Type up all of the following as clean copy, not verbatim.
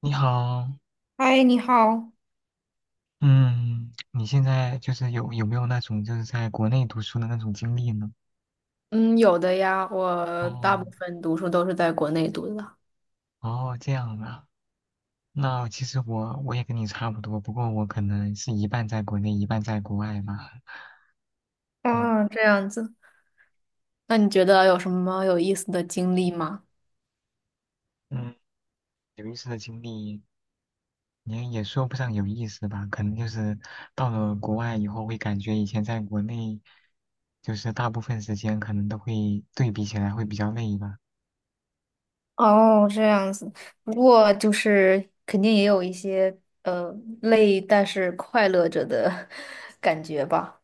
你好，嗨，你好。嗯，你现在就是有没有那种就是在国内读书的那种经历呢？嗯，有的呀，我哦，大部分读书都是在国内读的。哦，这样啊。那其实我也跟你差不多，不过我可能是一半在国内，一半在国外吧。嗯啊，这样子。那你觉得有什么有意思的经历吗？嗯，有意思的经历你也说不上有意思吧，可能就是到了国外以后会感觉以前在国内，就是大部分时间可能都会对比起来会比较累吧。哦，这样子。不过就是肯定也有一些呃累，但是快乐着的 感觉吧。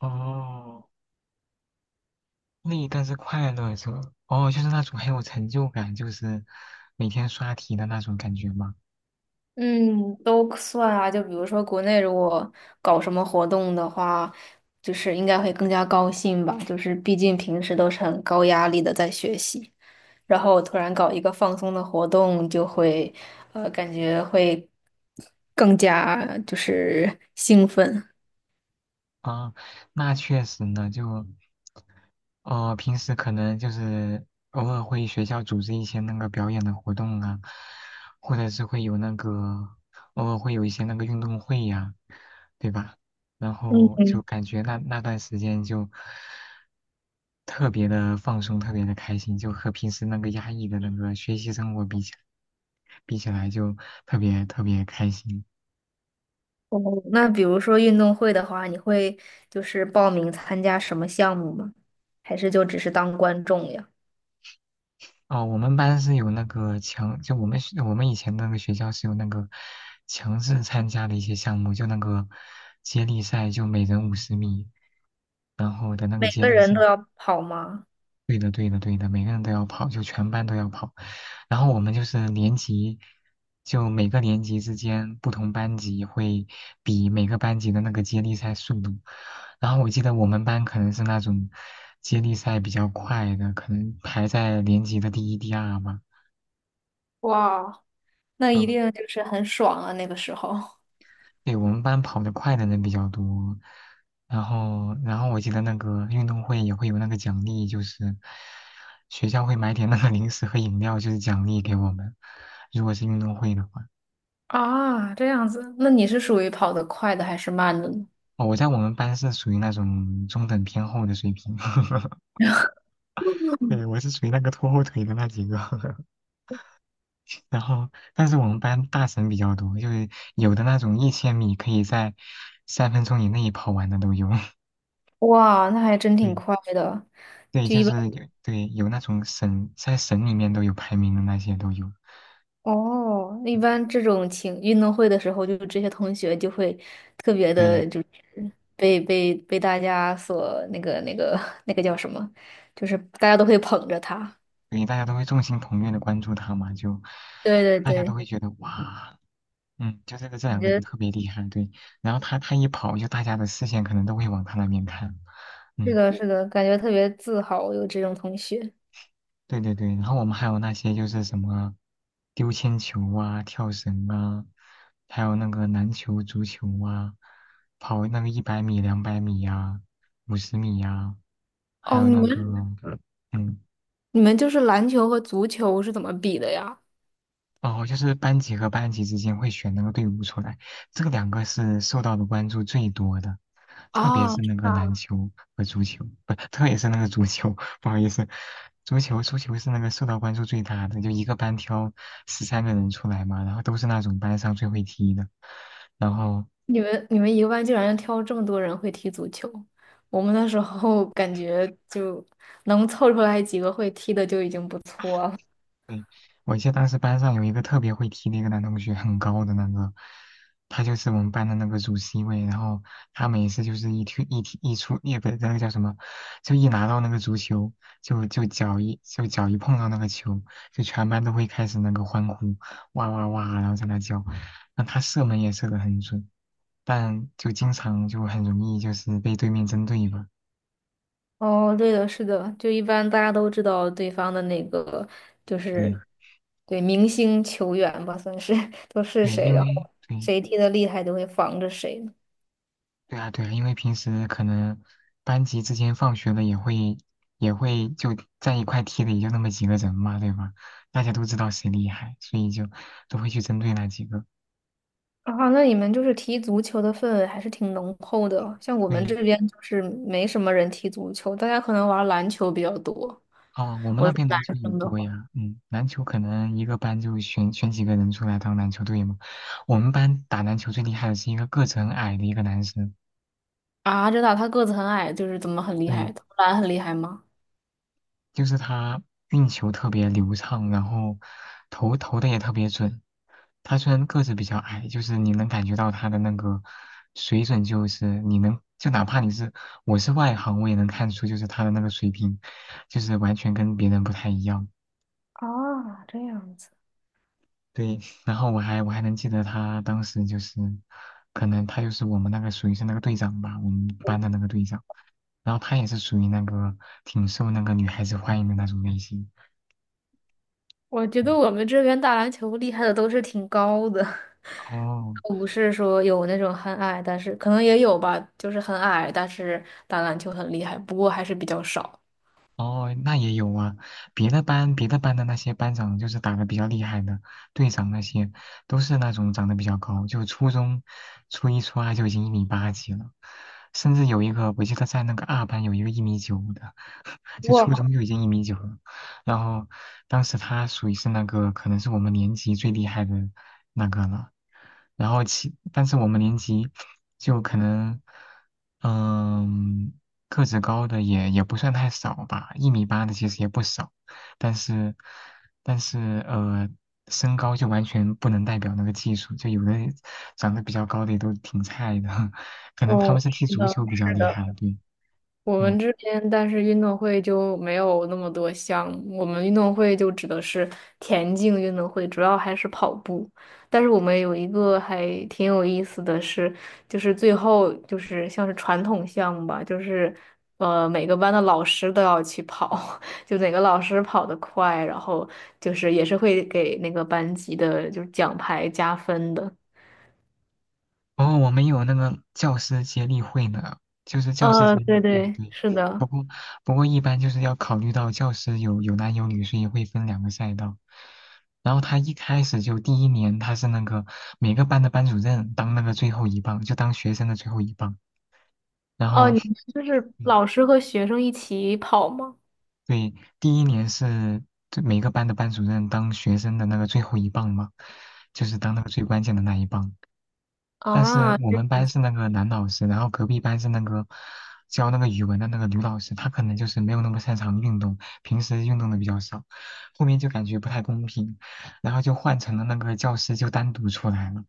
哦。累，但是快乐着，哦，就是那种很有成就感，就是每天刷题的那种感觉吗？嗯，都算啊。就比如说国内如果搞什么活动的话，就是应该会更加高兴吧。就是毕竟平时都是很高压力的在学习。然后突然搞一个放松的活动，就会感觉会更加就是兴奋。啊，那确实呢，就平时可能就是偶尔会学校组织一些那个表演的活动啊，或者是会有那个偶尔会有一些那个运动会呀、对吧？然嗯，后就感觉那段时间就特别的放松，特别的开心，就和平时那个压抑的那个学习生活比起来，比起来就特别特别开心。哦，那比如说运动会的话，你会就是报名参加什么项目吗？还是就只是当观众呀？哦，我们班是有那个强，就我们以前那个学校是有那个强制参加的一些项目，就那个接力赛，就每人五十米，然后的那个每接个力人赛，都要跑吗？对的对的对的，每个人都要跑，就全班都要跑。然后我们就是年级，就每个年级之间不同班级会比每个班级的那个接力赛速度。然后我记得我们班可能是那种接力赛比较快的，可能排在年级的第一、第二吧。哇，那一嗯，定就是很爽啊，那个时候。对，我们班跑得快的人比较多，然后，然后我记得那个运动会也会有那个奖励，就是学校会买点那个零食和饮料，就是奖励给我们。如果是运动会的话，啊，这样子，那你是属于跑得快的还是慢的呢？哦，我在我们班是属于那种中等偏后的水平，对，我是属于那个拖后腿的那几个。然后，但是我们班大神比较多，就是有的那种1000米可以在3分钟以内跑完的都有。哇，那还真 挺对，快的。对，就就一般。是有那种省在省里面都有排名的那些都有，哦，一般这种情运动会的时候，就这些同学就会特别对的，就是被大家所那个 那个叫什么，就是大家都会捧着他。对，大家都会众星捧月的关注他嘛，就对对大家都对，会觉得哇，嗯，就这个这感两个人觉特别厉害，对，然后他一跑，就大家的视线可能都会往他那边看，是嗯，的，是的，感觉特别自豪有这种同学。对对对，然后我们还有那些就是什么丢铅球啊、跳绳啊，还有那个篮球、足球啊，跑那个100米、两百米呀、五十米呀、还哦，有你那们个。嗯，你们就是篮球和足球是怎么比的呀？哦，就是班级和班级之间会选那个队伍出来，这两个是受到的关注最多的，特别啊。是那是个篮球和足球，不，特别是那个足球，不好意思，足球是那个受到关注最大的，就一个班挑13个人出来嘛，然后都是那种班上最会踢的，然后你们一个班竟然挑这么多人会踢足球，我们那时候 感觉就能凑出来几个会踢的就已经不错了。对，我记得当时班上有一个特别会踢的一个男同学，很高的那个，他就是我们班的那个主 C 位。然后他每次就是一踢一踢一出，也不是那个叫什么，就一拿到那个足球，就脚一碰到那个球，就全班都会开始那个欢呼，哇哇哇，然后在那叫。那他射门也射得很准，但就经常就很容易就是被对面针对吧。哦，对的，是的，就一般大家都知道对方的那个就对是对明星球员吧，算是 都是对，谁，因然为后对谁踢的厉害就会防着谁。对啊，对啊，因为平时可能班级之间放学了也会就在一块踢的，也就那么几个人嘛，对吧？大家都知道谁厉害，所以就都会去针对那几个。啊，那你们就是踢足球的氛围还是挺浓厚的，像我们对，这边就是没什么人踢足球，大家可能玩篮球比较多。哦，我们我那是边男篮球也生的多话。呀，嗯，篮球可能一个班就选几个人出来当篮球队嘛。我们班打篮球最厉害的是一个个子很矮的一个男生，啊，真的，他个子很矮，就是怎么很厉害？对，投篮很厉害吗？就是他运球特别流畅，然后投的也特别准。他虽然个子比较矮，就是你能感觉到他的那个水准，就是你能就哪怕你是我是外行，我也能看出就是他的那个水平，就是完全跟别人不太一样。啊，这样子。对，然后我还能记得他当时就是，可能他就是我们那个属于是那个队长吧，我们班的那个队长。然后他也是属于那个挺受那个女孩子欢迎的那种类型。我觉得我们这边打篮球厉害的都是挺高的，哦，不是说有那种很矮，但是可能也有吧，就是很矮，但是打篮球很厉害，不过还是比较少。哦，那也有啊，别的班的那些班长就是打的比较厉害的，队长那些都是那种长得比较高，就初中初一初二就已经一米八几了，甚至有一个我记得在那个二班有一个一米九的，就哇，初中就已经一米九了，然后当时他属于是那个可能是我们年级最厉害的那个了，然后其但是我们年级就可能。嗯，个子高的也也不算太少吧，一米八的其实也不少，但是但是呃，身高就完全不能代表那个技术，就有的长得比较高的也都挺菜的，可能他们哦，是踢是足的，球比较是厉的。害，对，我们嗯。这边，但是运动会就没有那么多项目。我们运动会就指的是田径运动会，主要还是跑步。但是我们有一个还挺有意思的是，就是最后就是像是传统项目吧，就是每个班的老师都要去跑，就哪个老师跑得快，然后就是也是会给那个班级的就是奖牌加分的。哦，我们有那个教师接力会呢，就是教师接对力，嗯，对，对。是的。不过，不过一般就是要考虑到教师有有男有女，所以会分两个赛道。然后他一开始就第一年他是那个每个班的班主任当那个最后一棒，就当学生的最后一棒。然哦，后，你们就是嗯，老师和学生一起跑吗？对，第一年是就每个班的班主任当学生的那个最后一棒嘛，就是当那个最关键的那一棒。但是啊，我们班是那个男老师，然后隔壁班是那个教那个语文的那个女老师，她可能就是没有那么擅长运动，平时运动的比较少，后面就感觉不太公平，然后就换成了那个教师就单独出来了，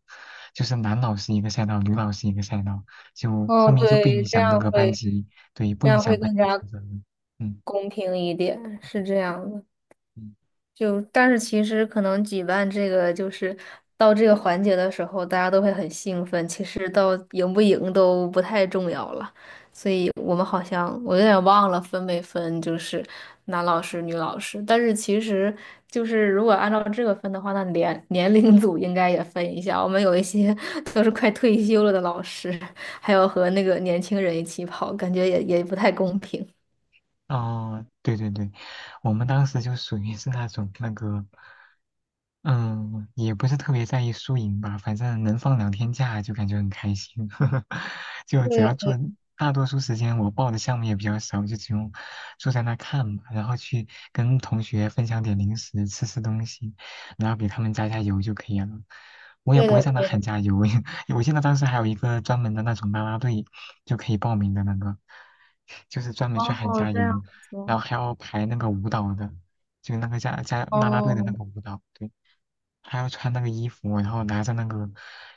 就是男老师一个赛道，女老师一个赛道，就后哦，面就不对，影响那个班级，对，不这影样响会班更级加评分了嗯。公平一点，是这样的。嗯就但是其实可能举办这个就是到这个环节的时候，大家都会很兴奋，其实到赢不赢都不太重要了。所以我们好像我有点忘了分没分，就是男老师、女老师。但是其实就是如果按照这个分的话，那年龄组应该也分一下。我们有一些 都是快退休了的老师，还有和那个年轻人一起跑，感觉也不太公平。哦，对对对，我们当时就属于是那种那个嗯，也不是特别在意输赢吧，反正能放2天假就感觉很开心。就只要对，做，大多数时间我报的项目也比较少，就只用坐在那看嘛，然后去跟同学分享点零食，吃吃东西，然后给他们加油就可以了。我也对不会的，在那对喊的。加油，我记得当时还有一个专门的那种啦啦队，就可以报名的那个，就是专门去喊哦，加这样油，子。然后还要排那个舞蹈的，就那个啦啦队的那哦，个舞蹈，对。还要穿那个衣服，然后拿着那个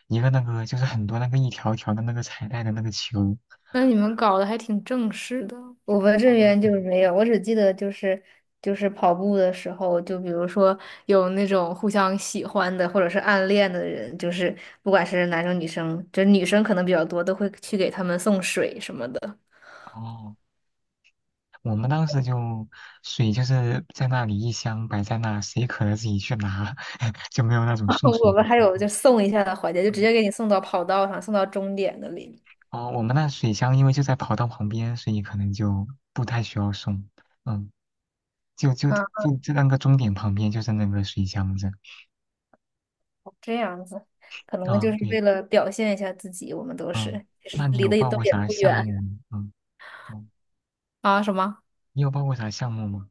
一个那个就是很多那个一条一条的那个彩带的那个球那你们搞得还挺正式的。我们啊，这边就对是没有，我只记得就是就是跑步的时候，就比如说有那种互相喜欢的或者是暗恋的人，就是不管是男生女生，就女生可能比较多，都会去给他们送水什么的。哦，我们当时就水就是在那里一箱摆在那，谁渴了自己去拿，就没有那种 送水我的们还情有况。就送一下的环节，就直嗯，接给你送到跑道上，送到终点那里。哦，我们那水箱因为就在跑道旁边，所以可能就不太需要送。嗯，就就啊，就那个终点旁边就是那个水箱子。这样子，可能就啊，是对，为了表现一下自己，我们都嗯，是，其那实你离有得也报都过也啥不项目远吗嗯嗯，啊，什么？你有报过啥项目吗？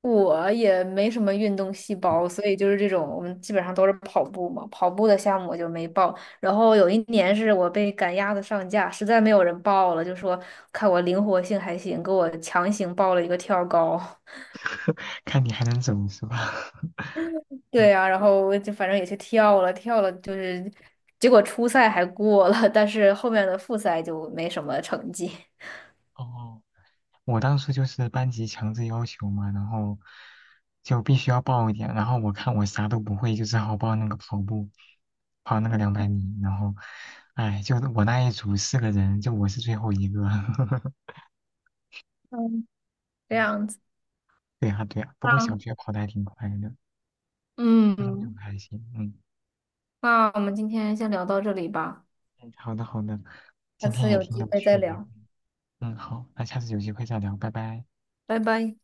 我也没什么运动细胞，所以就是这种，我们基本上都是跑步嘛。跑步的项目我就没报。然后有一年是我被赶鸭子上架，实在没有人报了，就说看我灵活性还行，给我强行报了一个跳高。看你还能怎么吧？对嗯，呀、然后我就反正也去跳了，跳了就是，结果初赛还过了，但是后面的复赛就没什么成绩。哦，我当初就是班级强制要求嘛，然后就必须要报一点，然后我看我啥都不会，就只好报那个跑步，跑那个两百米，然后，哎，就我那一组四个人，就我是最后一个。嗯，这嗯，样子，对呀对呀，不过小那学跑的还挺快的，初中就不嗯，太行。嗯，那我们今天先聊到这里吧，嗯好的好的，下今天次也有挺机有会再趣的。聊，嗯，好，那下次有机会再聊，拜拜。拜拜。